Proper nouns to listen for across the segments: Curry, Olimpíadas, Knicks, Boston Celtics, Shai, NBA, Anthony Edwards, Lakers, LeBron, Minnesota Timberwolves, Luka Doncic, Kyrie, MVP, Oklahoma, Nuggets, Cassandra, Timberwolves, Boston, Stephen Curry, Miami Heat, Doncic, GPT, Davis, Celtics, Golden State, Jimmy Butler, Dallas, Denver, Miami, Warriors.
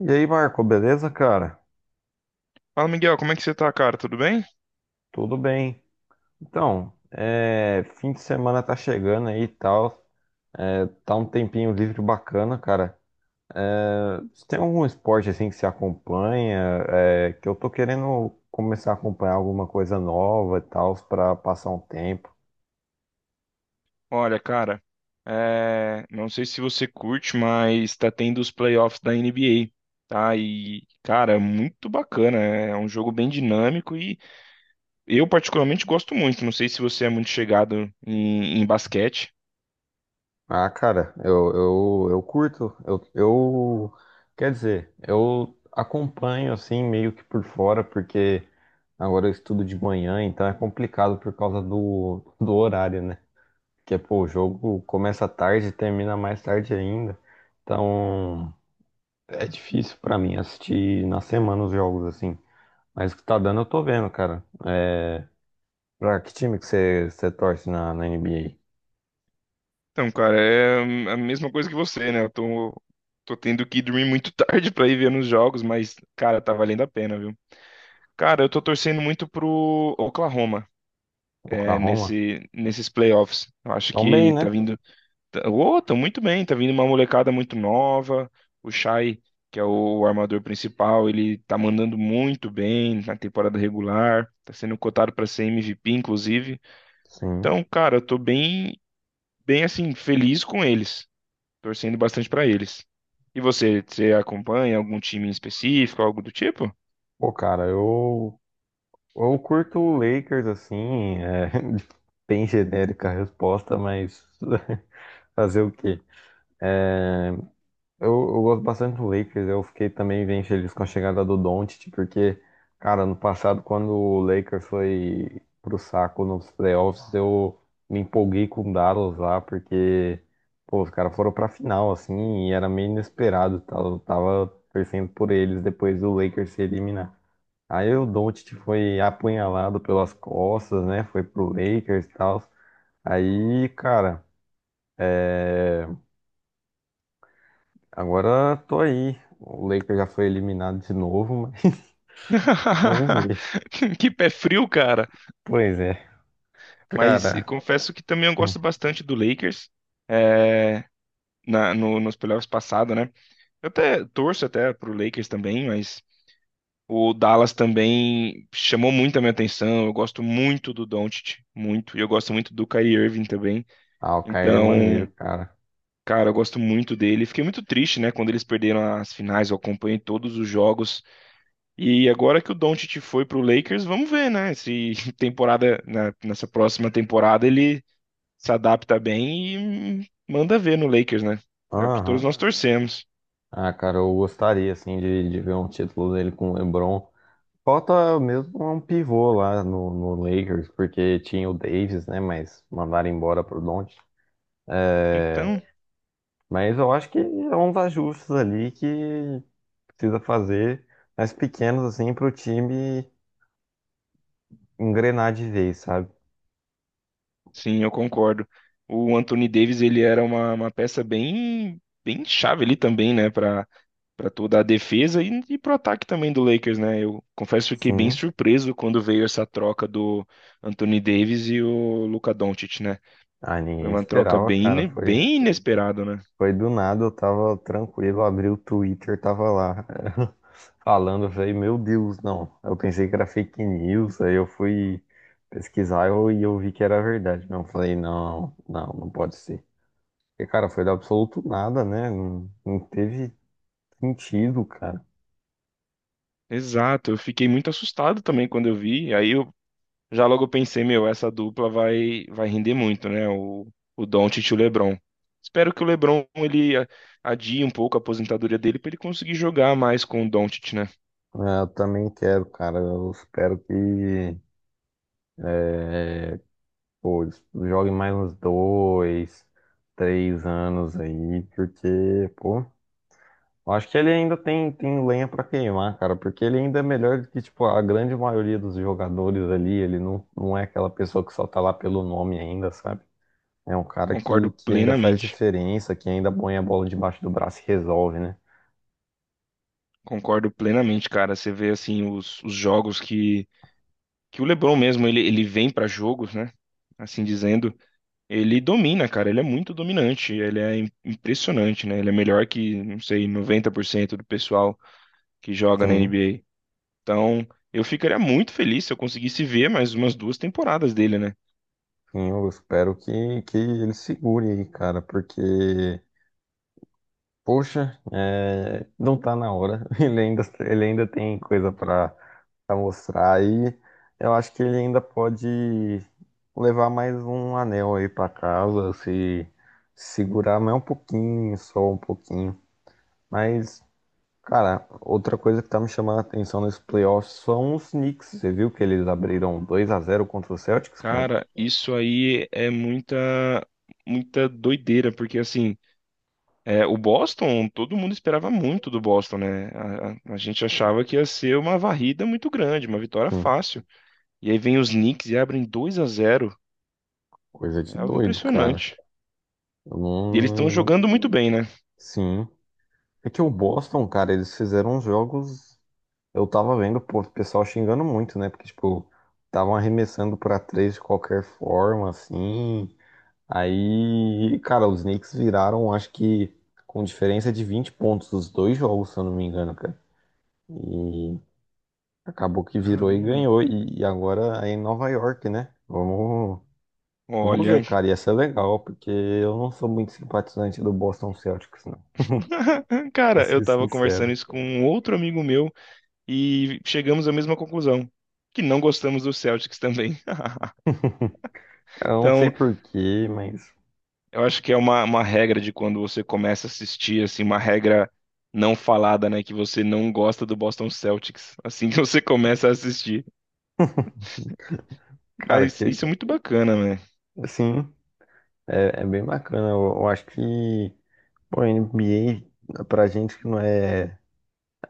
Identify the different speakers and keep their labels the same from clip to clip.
Speaker 1: E aí, Marco, beleza, cara?
Speaker 2: Fala, Miguel, como é que você tá, cara? Tudo bem?
Speaker 1: Tudo bem. Então, é, fim de semana tá chegando aí e tal. É, tá um tempinho livre bacana, cara. É, você tem algum esporte assim que você acompanha? É, que eu tô querendo começar a acompanhar alguma coisa nova e tal, pra passar um tempo.
Speaker 2: Olha, cara, não sei se você curte, mas tá tendo os playoffs da NBA, tá? E, cara, é muito bacana. É um jogo bem dinâmico e eu particularmente gosto muito. Não sei se você é muito chegado em basquete.
Speaker 1: Ah, cara, eu curto. Quer dizer, eu acompanho assim meio que por fora, porque agora eu estudo de manhã, então é complicado por causa do horário, né? Porque, pô, o jogo começa tarde e termina mais tarde ainda. Então é difícil pra mim assistir na semana os jogos assim. Mas o que tá dando eu tô vendo, cara. É, pra que time que você torce na NBA?
Speaker 2: Então, cara, é a mesma coisa que você, né? Eu tô tendo que dormir muito tarde pra ir ver nos jogos, mas, cara, tá valendo a pena, viu? Cara, eu tô torcendo muito pro Oklahoma,
Speaker 1: Oklahoma?
Speaker 2: nesses playoffs. Eu acho
Speaker 1: Tão bem,
Speaker 2: que tá
Speaker 1: né?
Speaker 2: vindo. Tá, oh, tá muito bem, tá vindo uma molecada muito nova. O Shai, que é o armador principal, ele tá mandando muito bem na temporada regular. Tá sendo cotado para ser MVP, inclusive.
Speaker 1: Sim.
Speaker 2: Então, cara, eu tô bem assim, feliz com eles. Torcendo bastante para eles. E você acompanha algum time em específico, algo do tipo?
Speaker 1: Pô, cara, eu curto o Lakers, assim, é bem genérica a resposta, mas fazer o quê? É, eu gosto bastante do Lakers, eu fiquei também bem feliz com a chegada do Doncic, porque, cara, no passado, quando o Lakers foi pro saco nos playoffs, eu me empolguei com o Dallas lá, porque, pô, os caras foram pra final, assim, e era meio inesperado, tá? Eu tava torcendo por eles depois do Lakers se eliminar. Aí o Doncic foi apunhalado pelas costas, né? Foi pro Lakers e tal. Aí, cara, agora tô aí. O Lakers já foi eliminado de novo, mas vamos ver.
Speaker 2: Que pé frio, cara.
Speaker 1: Pois é,
Speaker 2: Mas e
Speaker 1: cara.
Speaker 2: confesso que também eu gosto bastante do Lakers. É, na, no- Nos playoffs passado, né? Eu até torço até pro Lakers também, mas o Dallas também chamou muito a minha atenção. Eu gosto muito do Doncic, muito. E eu gosto muito do Kyrie Irving também.
Speaker 1: Ah, o Kyrie é maneiro,
Speaker 2: Então,
Speaker 1: cara.
Speaker 2: cara, eu gosto muito dele. Fiquei muito triste, né? Quando eles perderam as finais, eu acompanhei todos os jogos. E agora que o Doncic foi pro Lakers, vamos ver, né? Se nessa próxima temporada, ele se adapta bem e manda ver no Lakers, né? É o que todos
Speaker 1: Aham.
Speaker 2: nós torcemos.
Speaker 1: Ah, cara, eu gostaria, assim, de ver um título dele com o LeBron. Falta mesmo um pivô lá no Lakers, porque tinha o Davis, né? Mas mandaram embora pro Doncic. É,
Speaker 2: Então,
Speaker 1: mas eu acho que é uns ajustes ali que precisa fazer, mas pequenos assim, pro time engrenar de vez, sabe?
Speaker 2: sim, eu concordo. O Anthony Davis, ele era uma peça bem chave ali também, né, para para toda a defesa e para o ataque também do Lakers, né? Eu confesso que fiquei bem
Speaker 1: Sim.
Speaker 2: surpreso quando veio essa troca do Anthony Davis e o Luka Doncic, né?
Speaker 1: Ah,
Speaker 2: Foi
Speaker 1: ninguém
Speaker 2: uma troca
Speaker 1: esperava, cara.
Speaker 2: é,
Speaker 1: Foi,
Speaker 2: bem inesperada, né?
Speaker 1: foi do nada, eu tava tranquilo, abri o Twitter, tava lá falando, eu falei, meu Deus, não. Eu pensei que era fake news, aí eu fui pesquisar e eu vi que era verdade. Não, eu falei, não, não, não pode ser. Porque, cara, foi do absoluto nada, né? Não teve sentido, cara.
Speaker 2: Exato, eu fiquei muito assustado também quando eu vi. Aí Já logo eu pensei, meu, essa dupla vai render muito, né? O Doncic e o LeBron. Espero que o LeBron ele adie um pouco a aposentadoria dele para ele conseguir jogar mais com o Doncic, né?
Speaker 1: É, eu também quero, cara. Eu espero que, pô, eles joguem mais uns dois, três anos aí, porque, pô, eu acho que ele ainda tem lenha pra queimar, cara, porque ele ainda é melhor do que, tipo, a grande maioria dos jogadores ali. Ele não é aquela pessoa que só tá lá pelo nome ainda, sabe? É um cara que,
Speaker 2: Concordo
Speaker 1: que ainda faz
Speaker 2: plenamente.
Speaker 1: diferença, que ainda põe a bola debaixo do braço e resolve, né?
Speaker 2: Concordo plenamente, cara. Você vê assim os jogos que o LeBron mesmo ele vem para jogos, né? Assim dizendo, ele domina, cara. Ele é muito dominante, impressionante, né? Ele é melhor que, não sei, 90% do pessoal que joga na
Speaker 1: Sim,
Speaker 2: NBA. Então, eu ficaria muito feliz se eu conseguisse ver mais umas duas temporadas dele, né?
Speaker 1: sim, eu espero que ele segure aí, cara, porque. Poxa, é, não tá na hora. Ele ainda tem coisa pra mostrar e eu acho que ele ainda pode levar mais um anel aí pra casa, se segurar mais um pouquinho, só um pouquinho. Mas, cara, outra coisa que tá me chamando a atenção nesse playoff são os Knicks. Você viu que eles abriram 2 a zero contra os Celtics, cara?
Speaker 2: Cara, isso aí é muita doideira, porque assim, é, o Boston, todo mundo esperava muito do Boston, né? A gente achava que ia ser uma varrida muito grande, uma vitória
Speaker 1: Sim,
Speaker 2: fácil. E aí vem os Knicks e abrem 2 a zero.
Speaker 1: coisa
Speaker 2: É
Speaker 1: de
Speaker 2: algo
Speaker 1: doido, cara.
Speaker 2: impressionante.
Speaker 1: Eu
Speaker 2: E eles estão
Speaker 1: não...
Speaker 2: jogando muito bem, né?
Speaker 1: Sim. É que o Boston, cara, eles fizeram uns jogos. Eu tava vendo, pô, o pessoal xingando muito, né? Porque, tipo, estavam arremessando pra três de qualquer forma, assim. Aí, cara, os Knicks viraram, acho que com diferença de 20 pontos os dois jogos, se eu não me engano, cara. E acabou que virou e
Speaker 2: Caramba.
Speaker 1: ganhou. E agora é em Nova York, né? Vamos, vamos ver,
Speaker 2: Olha,
Speaker 1: cara. Ia ser legal, porque eu não sou muito simpatizante do Boston Celtics, não. Pra
Speaker 2: cara, eu
Speaker 1: ser
Speaker 2: tava
Speaker 1: sincero.
Speaker 2: conversando isso com um outro amigo meu. E chegamos à mesma conclusão, que não gostamos do Celtics também.
Speaker 1: Cara, eu não sei
Speaker 2: Então,
Speaker 1: por quê, mas,
Speaker 2: eu acho que é uma regra de quando você começa a assistir, assim, uma regra não falada, né, que você não gosta do Boston Celtics, assim que você começa a assistir.
Speaker 1: cara,
Speaker 2: Mas
Speaker 1: que
Speaker 2: isso é muito bacana, né?
Speaker 1: assim. É, é bem bacana. Eu acho que o NBA, pra gente que não é,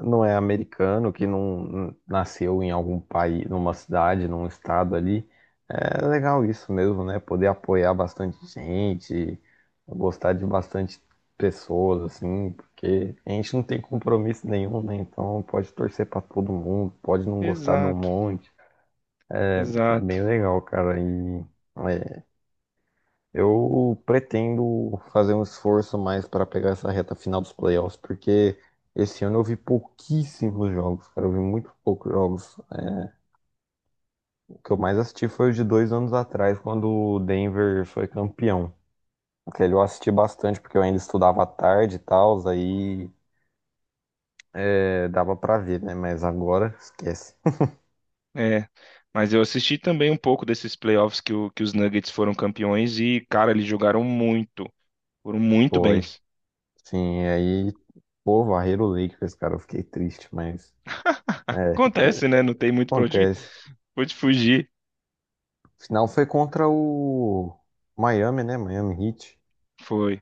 Speaker 1: não é americano, que não nasceu em algum país, numa cidade, num estado ali, é legal isso mesmo, né? Poder apoiar bastante gente, gostar de bastante pessoas, assim, porque a gente não tem compromisso nenhum, né? Então pode torcer pra todo mundo, pode não gostar de um
Speaker 2: Exato,
Speaker 1: monte. É
Speaker 2: exato.
Speaker 1: bem legal, cara. E. é, Eu pretendo fazer um esforço mais para pegar essa reta final dos playoffs, porque esse ano eu vi pouquíssimos jogos, cara. Eu vi muito poucos jogos. É, o que eu mais assisti foi os de dois anos atrás, quando o Denver foi campeão. Aquele eu assisti bastante, porque eu ainda estudava à tarde e tal, aí é, dava pra ver, né? Mas agora, esquece.
Speaker 2: É. Mas eu assisti também um pouco desses playoffs que, que os Nuggets foram campeões e, cara, eles jogaram muito, foram muito bem.
Speaker 1: Foi. Sim, aí, pô, varreram o Lakers, cara. Eu fiquei triste, mas é,
Speaker 2: Acontece, né? Não tem muito pra onde,
Speaker 1: acontece.
Speaker 2: pra onde fugir.
Speaker 1: Final foi contra o Miami, né? Miami Heat.
Speaker 2: Foi.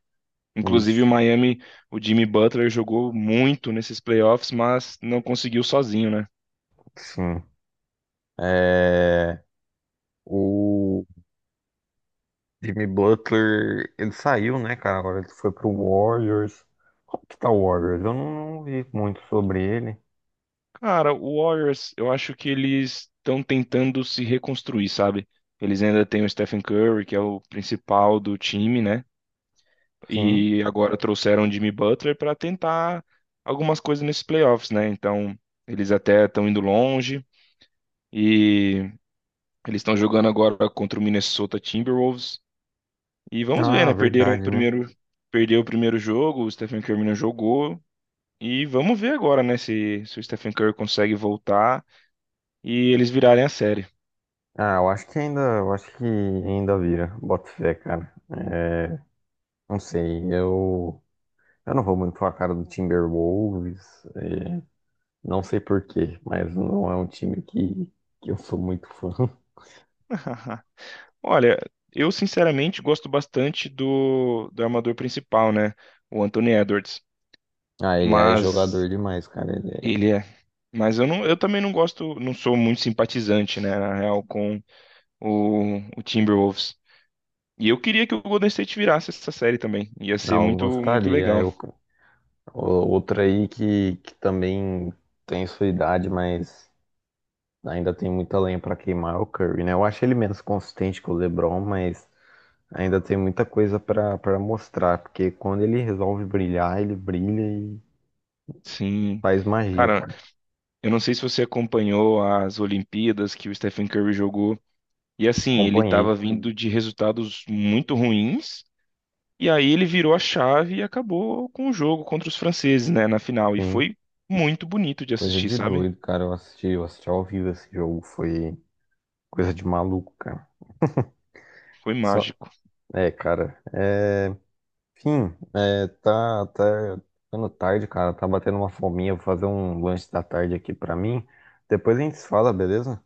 Speaker 2: Inclusive, o
Speaker 1: Isso.
Speaker 2: Miami, o Jimmy Butler jogou muito nesses playoffs, mas não conseguiu sozinho, né?
Speaker 1: Sim. É... O Jimmy Butler, ele saiu, né, cara? Agora ele foi pro Warriors. Como que tá o Warriors? Eu não vi muito sobre ele.
Speaker 2: Cara, o Warriors, eu acho que eles estão tentando se reconstruir, sabe? Eles ainda têm o Stephen Curry, que é o principal do time, né?
Speaker 1: Sim.
Speaker 2: E agora trouxeram o Jimmy Butler para tentar algumas coisas nesses playoffs, né? Então, eles até estão indo longe e eles estão jogando agora contra o Minnesota Timberwolves. E vamos ver,
Speaker 1: Ah,
Speaker 2: né? Perderam o
Speaker 1: verdade, né?
Speaker 2: primeiro, perdeu o primeiro jogo, o Stephen Curry não jogou. E vamos ver agora, né, se o Stephen Curry consegue voltar e eles virarem a série.
Speaker 1: Ah, eu acho que ainda, eu acho que ainda vira. Bota fé, cara. É... Não sei, eu... Eu não vou muito com a cara do Timberwolves. É, não sei por quê, mas não é um time que eu sou muito fã.
Speaker 2: Olha, eu sinceramente gosto bastante do armador principal, né? O Anthony Edwards.
Speaker 1: Ah, ele é
Speaker 2: Mas
Speaker 1: jogador demais, cara. Ele é...
Speaker 2: ele é. Mas eu, não, eu também não gosto, não sou muito simpatizante, né, na real, com o Timberwolves. E eu queria que o Golden State virasse essa série também. Ia ser
Speaker 1: Não, eu
Speaker 2: muito, muito
Speaker 1: gostaria.
Speaker 2: legal.
Speaker 1: Eu... o- Outra aí que também tem sua idade, mas ainda tem muita lenha pra queimar é o Curry, né? Eu acho ele menos consistente que o LeBron, mas ainda tem muita coisa pra para mostrar, porque quando ele resolve brilhar, ele brilha e
Speaker 2: Sim.
Speaker 1: faz magia,
Speaker 2: Cara,
Speaker 1: cara.
Speaker 2: eu não sei se você acompanhou as Olimpíadas que o Stephen Curry jogou. E assim, ele estava
Speaker 1: Acompanhei,
Speaker 2: vindo de resultados muito ruins. E aí ele virou a chave e acabou com o jogo contra os franceses, né, na final. E
Speaker 1: sim.
Speaker 2: foi muito bonito de
Speaker 1: Coisa
Speaker 2: assistir,
Speaker 1: de
Speaker 2: sabe?
Speaker 1: doido, cara. Eu assisti ao vivo esse jogo. Foi. Coisa de maluco, cara.
Speaker 2: Foi
Speaker 1: Só...
Speaker 2: mágico.
Speaker 1: É, cara. É... Enfim, é, tá, tá ficando tarde, cara. Tá batendo uma fominha. Vou fazer um lanche da tarde aqui pra mim. Depois a gente se fala, beleza?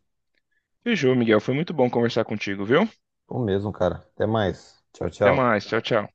Speaker 2: Fechou, Miguel. Foi muito bom conversar contigo, viu?
Speaker 1: Tô mesmo, cara. Até mais. Tchau,
Speaker 2: Até
Speaker 1: tchau.
Speaker 2: mais. Tchau, tchau.